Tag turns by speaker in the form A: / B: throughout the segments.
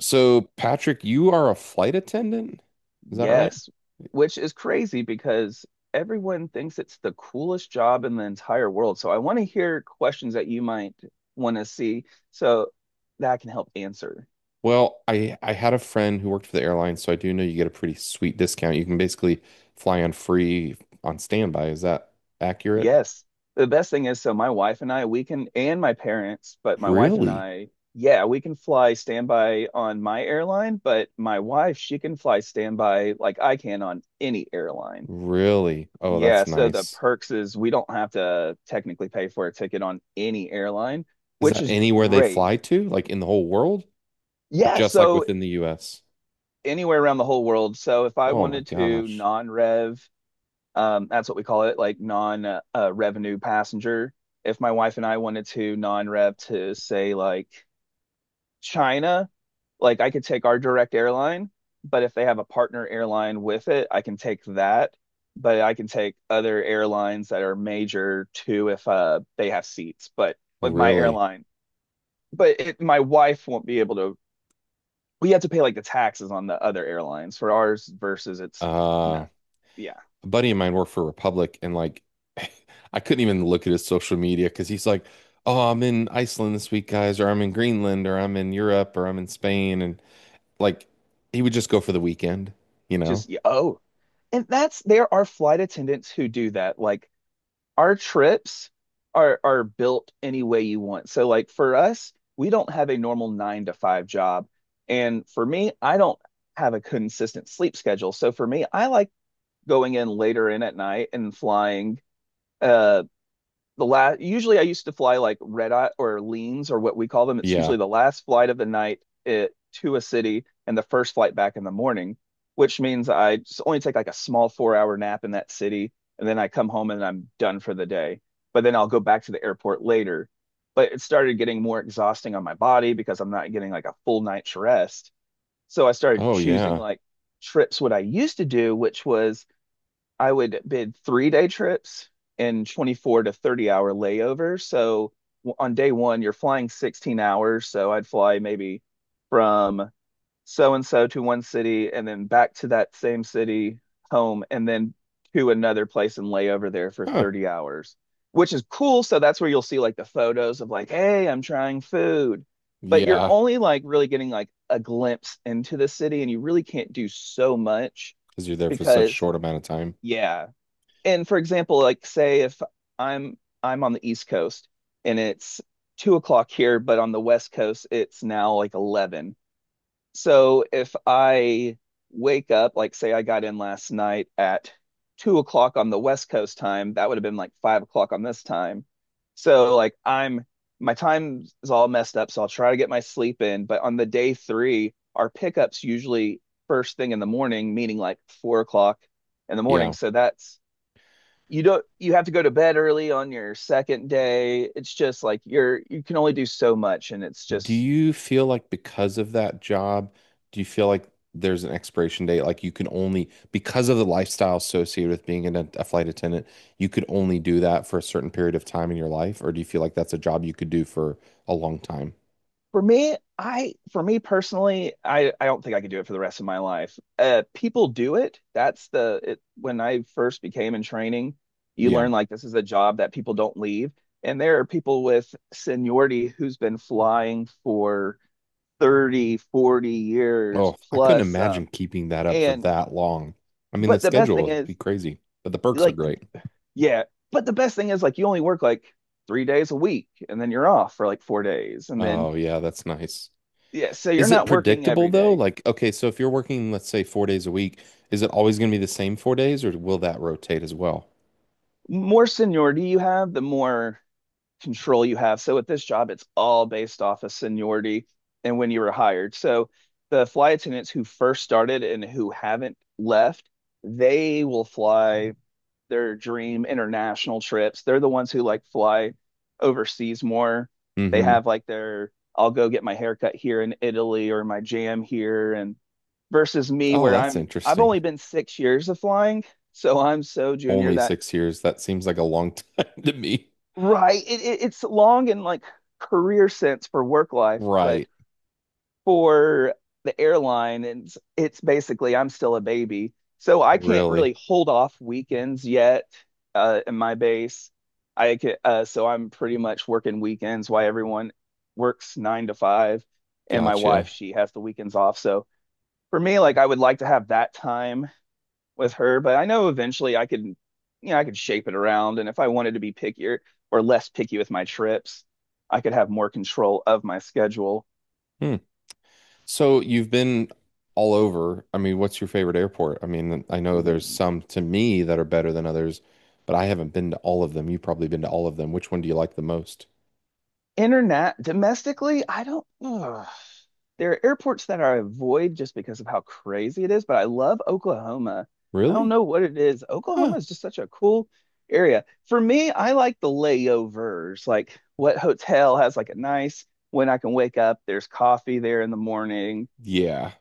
A: So, Patrick, you are a flight attendant? Is that right?
B: Yes, which is crazy because everyone thinks it's the coolest job in the entire world. So I want to hear questions that you might want to see so that I can help answer.
A: Well, I had a friend who worked for the airline, so I do know you get a pretty sweet discount. You can basically fly on free on standby. Is that accurate?
B: Yes. The best thing is, so my wife and I, we can, and my parents, but my wife and
A: Really?
B: I, yeah, we can fly standby on my airline, but my wife, she can fly standby like I can on any airline.
A: Really? Oh,
B: Yeah,
A: that's
B: so the
A: nice.
B: perks is we don't have to technically pay for a ticket on any airline,
A: Is
B: which
A: that
B: is
A: anywhere they
B: great.
A: fly to? Like in the whole world? Or
B: Yeah,
A: just like
B: so
A: within the US?
B: anywhere around the whole world. So if I
A: Oh my
B: wanted to
A: gosh.
B: non-rev, that's what we call it, like non revenue passenger. If my wife and I wanted to non-rev to say like China, like I could take our direct airline, but if they have a partner airline with it, I can take that. But I can take other airlines that are major too if they have seats. But with my
A: Really?
B: airline, but it, my wife won't be able to. We have to pay like the taxes on the other airlines for ours versus it's
A: Uh
B: nothing. Yeah,
A: a buddy of mine worked for Republic and like I couldn't even look at his social media because he's like, oh, I'm in Iceland this week, guys, or I'm in Greenland, or I'm in Europe, or I'm in Spain. And like he would just go for the weekend, you know?
B: just yeah. Oh, and that's there are flight attendants who do that. Like our trips are built any way you want. So like for us, we don't have a normal 9 to 5 job. And for me, I don't have a consistent sleep schedule. So for me, I like going in later in at night and flying uh the last usually I used to fly like red eye or leans or what we call them. It's
A: Yeah.
B: usually the last flight of the night to a city and the first flight back in the morning, which means I just only take like a small 4-hour nap in that city and then I come home and I'm done for the day. But then I'll go back to the airport later. But it started getting more exhausting on my body because I'm not getting like a full night's rest. So I started
A: Oh,
B: choosing
A: yeah.
B: like trips what I used to do, which was I would bid 3-day trips and 24 to 30 hour layovers. So on day one, you're flying 16 hours. So I'd fly maybe from so and so to one city and then back to that same city home and then to another place and lay over there for
A: Huh.
B: 30 hours, which is cool. So that's where you'll see like the photos of like, hey, I'm trying food. But you're
A: Yeah.
B: only like really getting like a glimpse into the city and you really can't do so much
A: Because you're there for such a
B: because.
A: short amount of time.
B: Yeah, and for example, like say if I'm I'm on the East Coast and it's 2 o'clock here, but on the West Coast it's now like 11. So if I wake up, like say I got in last night at 2 o'clock on the West Coast time, that would have been like 5 o'clock on this time. So like I'm my time is all messed up, so I'll try to get my sleep in. But on the day three, our pickups usually first thing in the morning, meaning like 4 o'clock in the morning.
A: Yeah.
B: So that's you don't you have to go to bed early on your second day. It's just like you can only do so much and it's
A: Do
B: just
A: you feel like because of that job, do you feel like there's an expiration date? Like you can only, because of the lifestyle associated with being a flight attendant, you could only do that for a certain period of time in your life? Or do you feel like that's a job you could do for a long time?
B: For me personally, I don't think I could do it for the rest of my life. People do it. That's when I first became in training, you
A: Yeah.
B: learn like this is a job that people don't leave. And there are people with seniority who's been flying for 30, 40
A: Oh,
B: years
A: I couldn't
B: plus
A: imagine keeping that up for
B: and
A: that long. I mean, the
B: but the best
A: schedule
B: thing
A: would be
B: is
A: crazy, but the perks are
B: like
A: great.
B: yeah. But the best thing is like you only work like 3 days a week and then you're off for like 4 days. And then,
A: Oh, yeah, that's nice.
B: yeah, so you're
A: Is it
B: not working
A: predictable
B: every
A: though?
B: day.
A: Like, okay, so if you're working, let's say 4 days a week, is it always going to be the same 4 days or will that rotate as well?
B: More seniority you have, the more control you have. So at this job, it's all based off of seniority and when you were hired. So the flight attendants who first started and who haven't left, they will fly their dream international trips. They're the ones who like fly overseas more. They
A: Hmm.
B: have like their I'll go get my haircut here in Italy or my jam here and versus me
A: Oh,
B: where
A: that's
B: I've
A: interesting.
B: only been 6 years of flying, so I'm so junior
A: Only
B: that.
A: 6 years. That seems like a long time to me.
B: Right. It's long in like career sense for work life, but
A: Right.
B: for the airline and it's basically I'm still a baby. So I can't
A: Really?
B: really hold off weekends yet in my base. I can, so I'm pretty much working weekends while everyone works 9 to 5. And my wife,
A: Gotcha.
B: she has the weekends off. So for me, like I would like to have that time with her, but I know eventually I could shape it around. And if I wanted to be pickier or less picky with my trips, I could have more control of my schedule.
A: Hmm. So you've been all over. I mean, what's your favorite airport? I mean, I know there's some to me that are better than others, but I haven't been to all of them. You've probably been to all of them. Which one do you like the most?
B: Internet domestically, I don't. Ugh. There are airports that I avoid just because of how crazy it is, but I love Oklahoma. I don't
A: Really?
B: know what it is.
A: Huh.
B: Oklahoma is just such a cool area. For me, I like the layovers, like what hotel has like a nice when I can wake up, there's coffee there in the morning.
A: Yeah.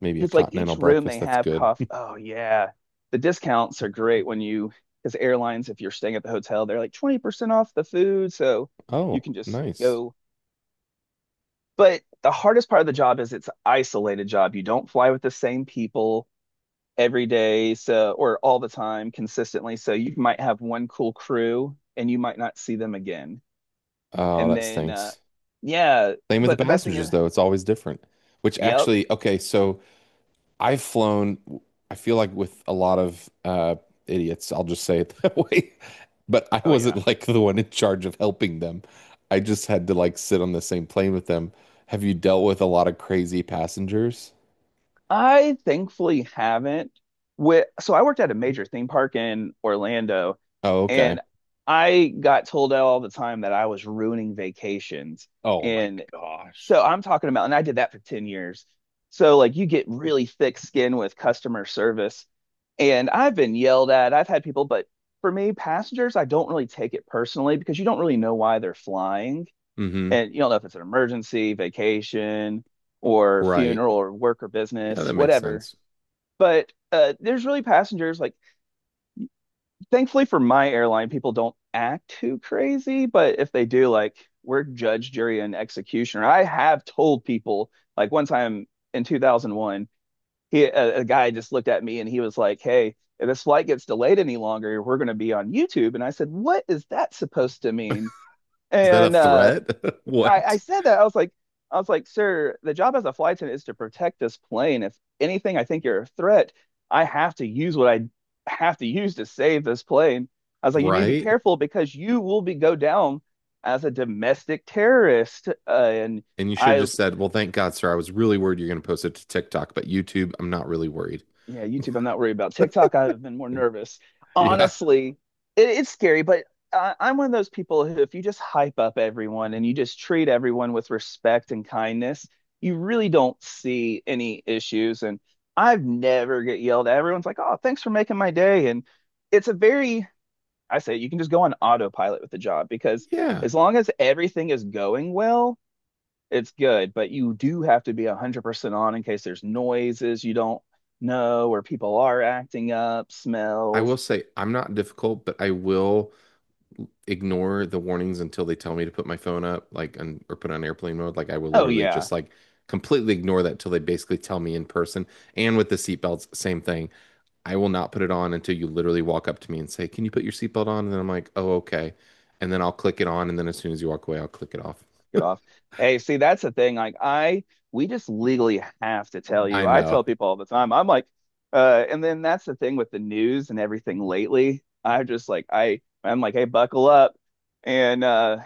A: Maybe a
B: Because like
A: continental
B: each room they
A: breakfast. That's
B: have
A: good.
B: coffee. Oh yeah. The discounts are great when you, because airlines, if you're staying at the hotel, they're like 20% off the food. So you
A: Oh,
B: can just
A: nice.
B: go. But the hardest part of the job is it's an isolated job. You don't fly with the same people every day, so or all the time consistently. So you might have one cool crew and you might not see them again.
A: Oh,
B: And
A: that
B: then
A: stinks.
B: yeah,
A: Same with the
B: but the best thing is,
A: passengers, though. It's always different. Which
B: yep.
A: actually, okay, so I've flown, I feel like with a lot of idiots, I'll just say it that way. But I
B: Oh yeah.
A: wasn't like the one in charge of helping them. I just had to like sit on the same plane with them. Have you dealt with a lot of crazy passengers?
B: I thankfully haven't. With, so I worked at a major theme park in Orlando.
A: Oh, okay.
B: And I got told all the time that I was ruining vacations.
A: Oh my
B: And
A: gosh.
B: so I'm talking about, and I did that for 10 years. So, like, you get really thick skin with customer service. And I've been yelled at. I've had people, but for me, passengers, I don't really take it personally because you don't really know why they're flying.
A: Mm-hmm.
B: And you don't know if it's an emergency, vacation, or
A: Right.
B: funeral, or work or
A: Yeah, that
B: business,
A: makes
B: whatever.
A: sense.
B: But there's really passengers like thankfully for my airline, people don't act too crazy, but if they do, like we're judge, jury, and executioner. I have told people, like one time in 2001, a guy just looked at me and he was like, "Hey, if this flight gets delayed any longer, we're going to be on YouTube." And I said, "What is that supposed to mean?"
A: Is that a
B: And
A: threat?
B: I,
A: What?
B: I said that. I was like, sir, the job as a flight attendant is to protect this plane. If anything, I think you're a threat. I have to use what I have to use to save this plane. I was like, you need to be
A: Right?
B: careful because you will be go down as a domestic terrorist. And
A: And you should have
B: I was
A: just said, well, thank God, sir. I was really worried you're going to post it to TikTok, but YouTube, I'm not really worried.
B: yeah, YouTube, I'm not worried about. TikTok, I've been more nervous.
A: Yeah.
B: Honestly, it's scary, but I'm one of those people who, if you just hype up everyone and you just treat everyone with respect and kindness, you really don't see any issues. And I've never get yelled at. Everyone's like, "Oh, thanks for making my day." And it's a very, I say, you can just go on autopilot with the job because
A: Yeah.
B: as long as everything is going well, it's good, but you do have to be 100% on in case there's noises you don't know or people are acting up,
A: I will
B: smells.
A: say I'm not difficult, but I will ignore the warnings until they tell me to put my phone up, like, and, or put it on airplane mode. Like, I will
B: Oh,
A: literally
B: yeah.
A: just like completely ignore that till they basically tell me in person. And with the seatbelts, same thing. I will not put it on until you literally walk up to me and say, can you put your seatbelt on? And then I'm like, oh, okay. And then I'll click it on. And then as soon as you walk away, I'll click it off.
B: Get off. Hey, see, that's the thing. Like, we just legally have to tell
A: I
B: you. I
A: know.
B: tell people all the time. I'm like, and then that's the thing with the news and everything lately. I just like, I'm like, hey, buckle up, and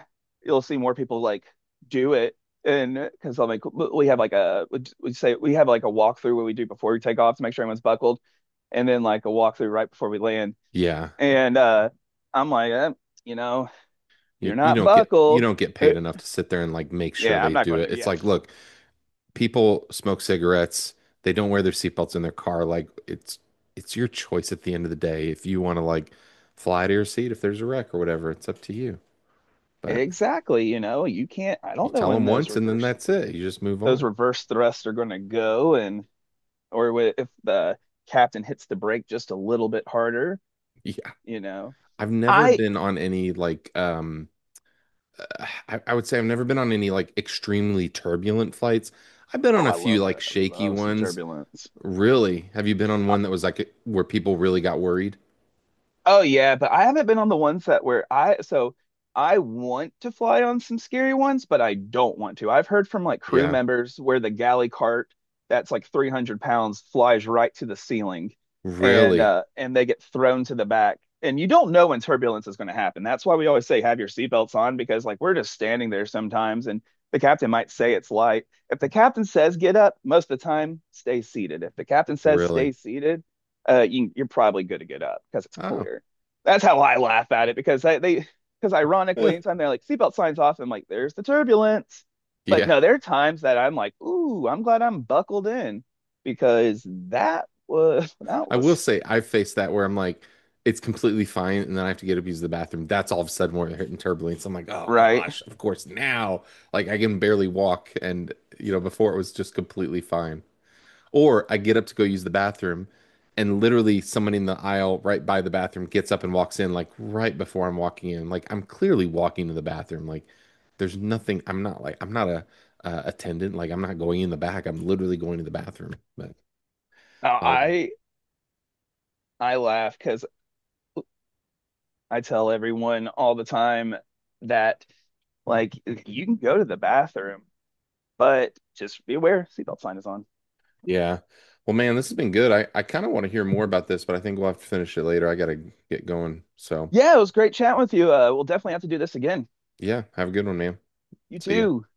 B: you'll see more people like do it. And because I'm like, we say we have like a walkthrough what we do before we take off to make sure everyone's buckled, and then like a walkthrough right before we land.
A: Yeah.
B: And I'm like, if
A: You,
B: you're
A: you
B: not
A: don't get
B: buckled, eh,
A: paid enough to sit there and like make sure
B: yeah, I'm
A: they
B: not
A: do
B: going
A: it.
B: to.
A: It's
B: Yeah,
A: like, look, people smoke cigarettes, they don't wear their seatbelts in their car. Like it's your choice at the end of the day if you want to like fly to your seat if there's a wreck or whatever. It's up to you. But
B: exactly, you can't I
A: you
B: don't know
A: tell
B: when
A: them
B: those
A: once and then
B: reverse
A: that's it. You just move
B: those
A: on.
B: reverse thrusts are going to go and or if the captain hits the brake just a little bit harder,
A: Yeah,
B: you know.
A: I've never
B: I
A: been on any like I would say I've never been on any like extremely turbulent flights. I've been on
B: Oh,
A: a
B: I
A: few
B: love
A: like
B: that. I
A: shaky
B: love some
A: ones.
B: turbulence.
A: Really? Have you been on one that was like where people really got worried?
B: Oh yeah, but I haven't been on the ones that where I, so I want to fly on some scary ones, but I don't want to. I've heard from like crew
A: Yeah.
B: members where the galley cart that's like 300 pounds flies right to the ceiling
A: Really?
B: and they get thrown to the back. And you don't know when turbulence is going to happen. That's why we always say have your seatbelts on because like we're just standing there sometimes and the captain might say it's light. If the captain says get up, most of the time stay seated. If the captain says
A: Really?
B: stay seated, you're probably good to get up because it's
A: Oh.
B: clear. That's how I laugh at it because they, because
A: Eh.
B: ironically, anytime they're like seatbelt signs off, I'm like, there's the turbulence. But
A: Yeah.
B: no, there are times that I'm like, ooh, I'm glad I'm buckled in because that was that
A: I will
B: was
A: say I've faced that where I'm like, it's completely fine, and then I have to get up to use the bathroom. That's all of a sudden where they're hitting turbulence. I'm like, oh
B: right.
A: gosh, of course now. Like I can barely walk, and you know, before it was just completely fine. Or I get up to go use the bathroom, and literally someone in the aisle right by the bathroom gets up and walks in, like right before I'm walking in. Like I'm clearly walking to the bathroom. Like there's nothing. I'm not like I'm not a attendant. Like I'm not going in the back. I'm literally going to the bathroom. But
B: Now,
A: oh well.
B: I laugh because I tell everyone all the time that like you can go to the bathroom, but just be aware seatbelt sign is on.
A: Yeah. Well, man, this has been good. I kind of want to hear more about this, but I think we'll have to finish it later. I gotta get going. So
B: Yeah, it was great chatting with you. We'll definitely have to do this again.
A: yeah, have a good one, man.
B: You
A: See ya.
B: too.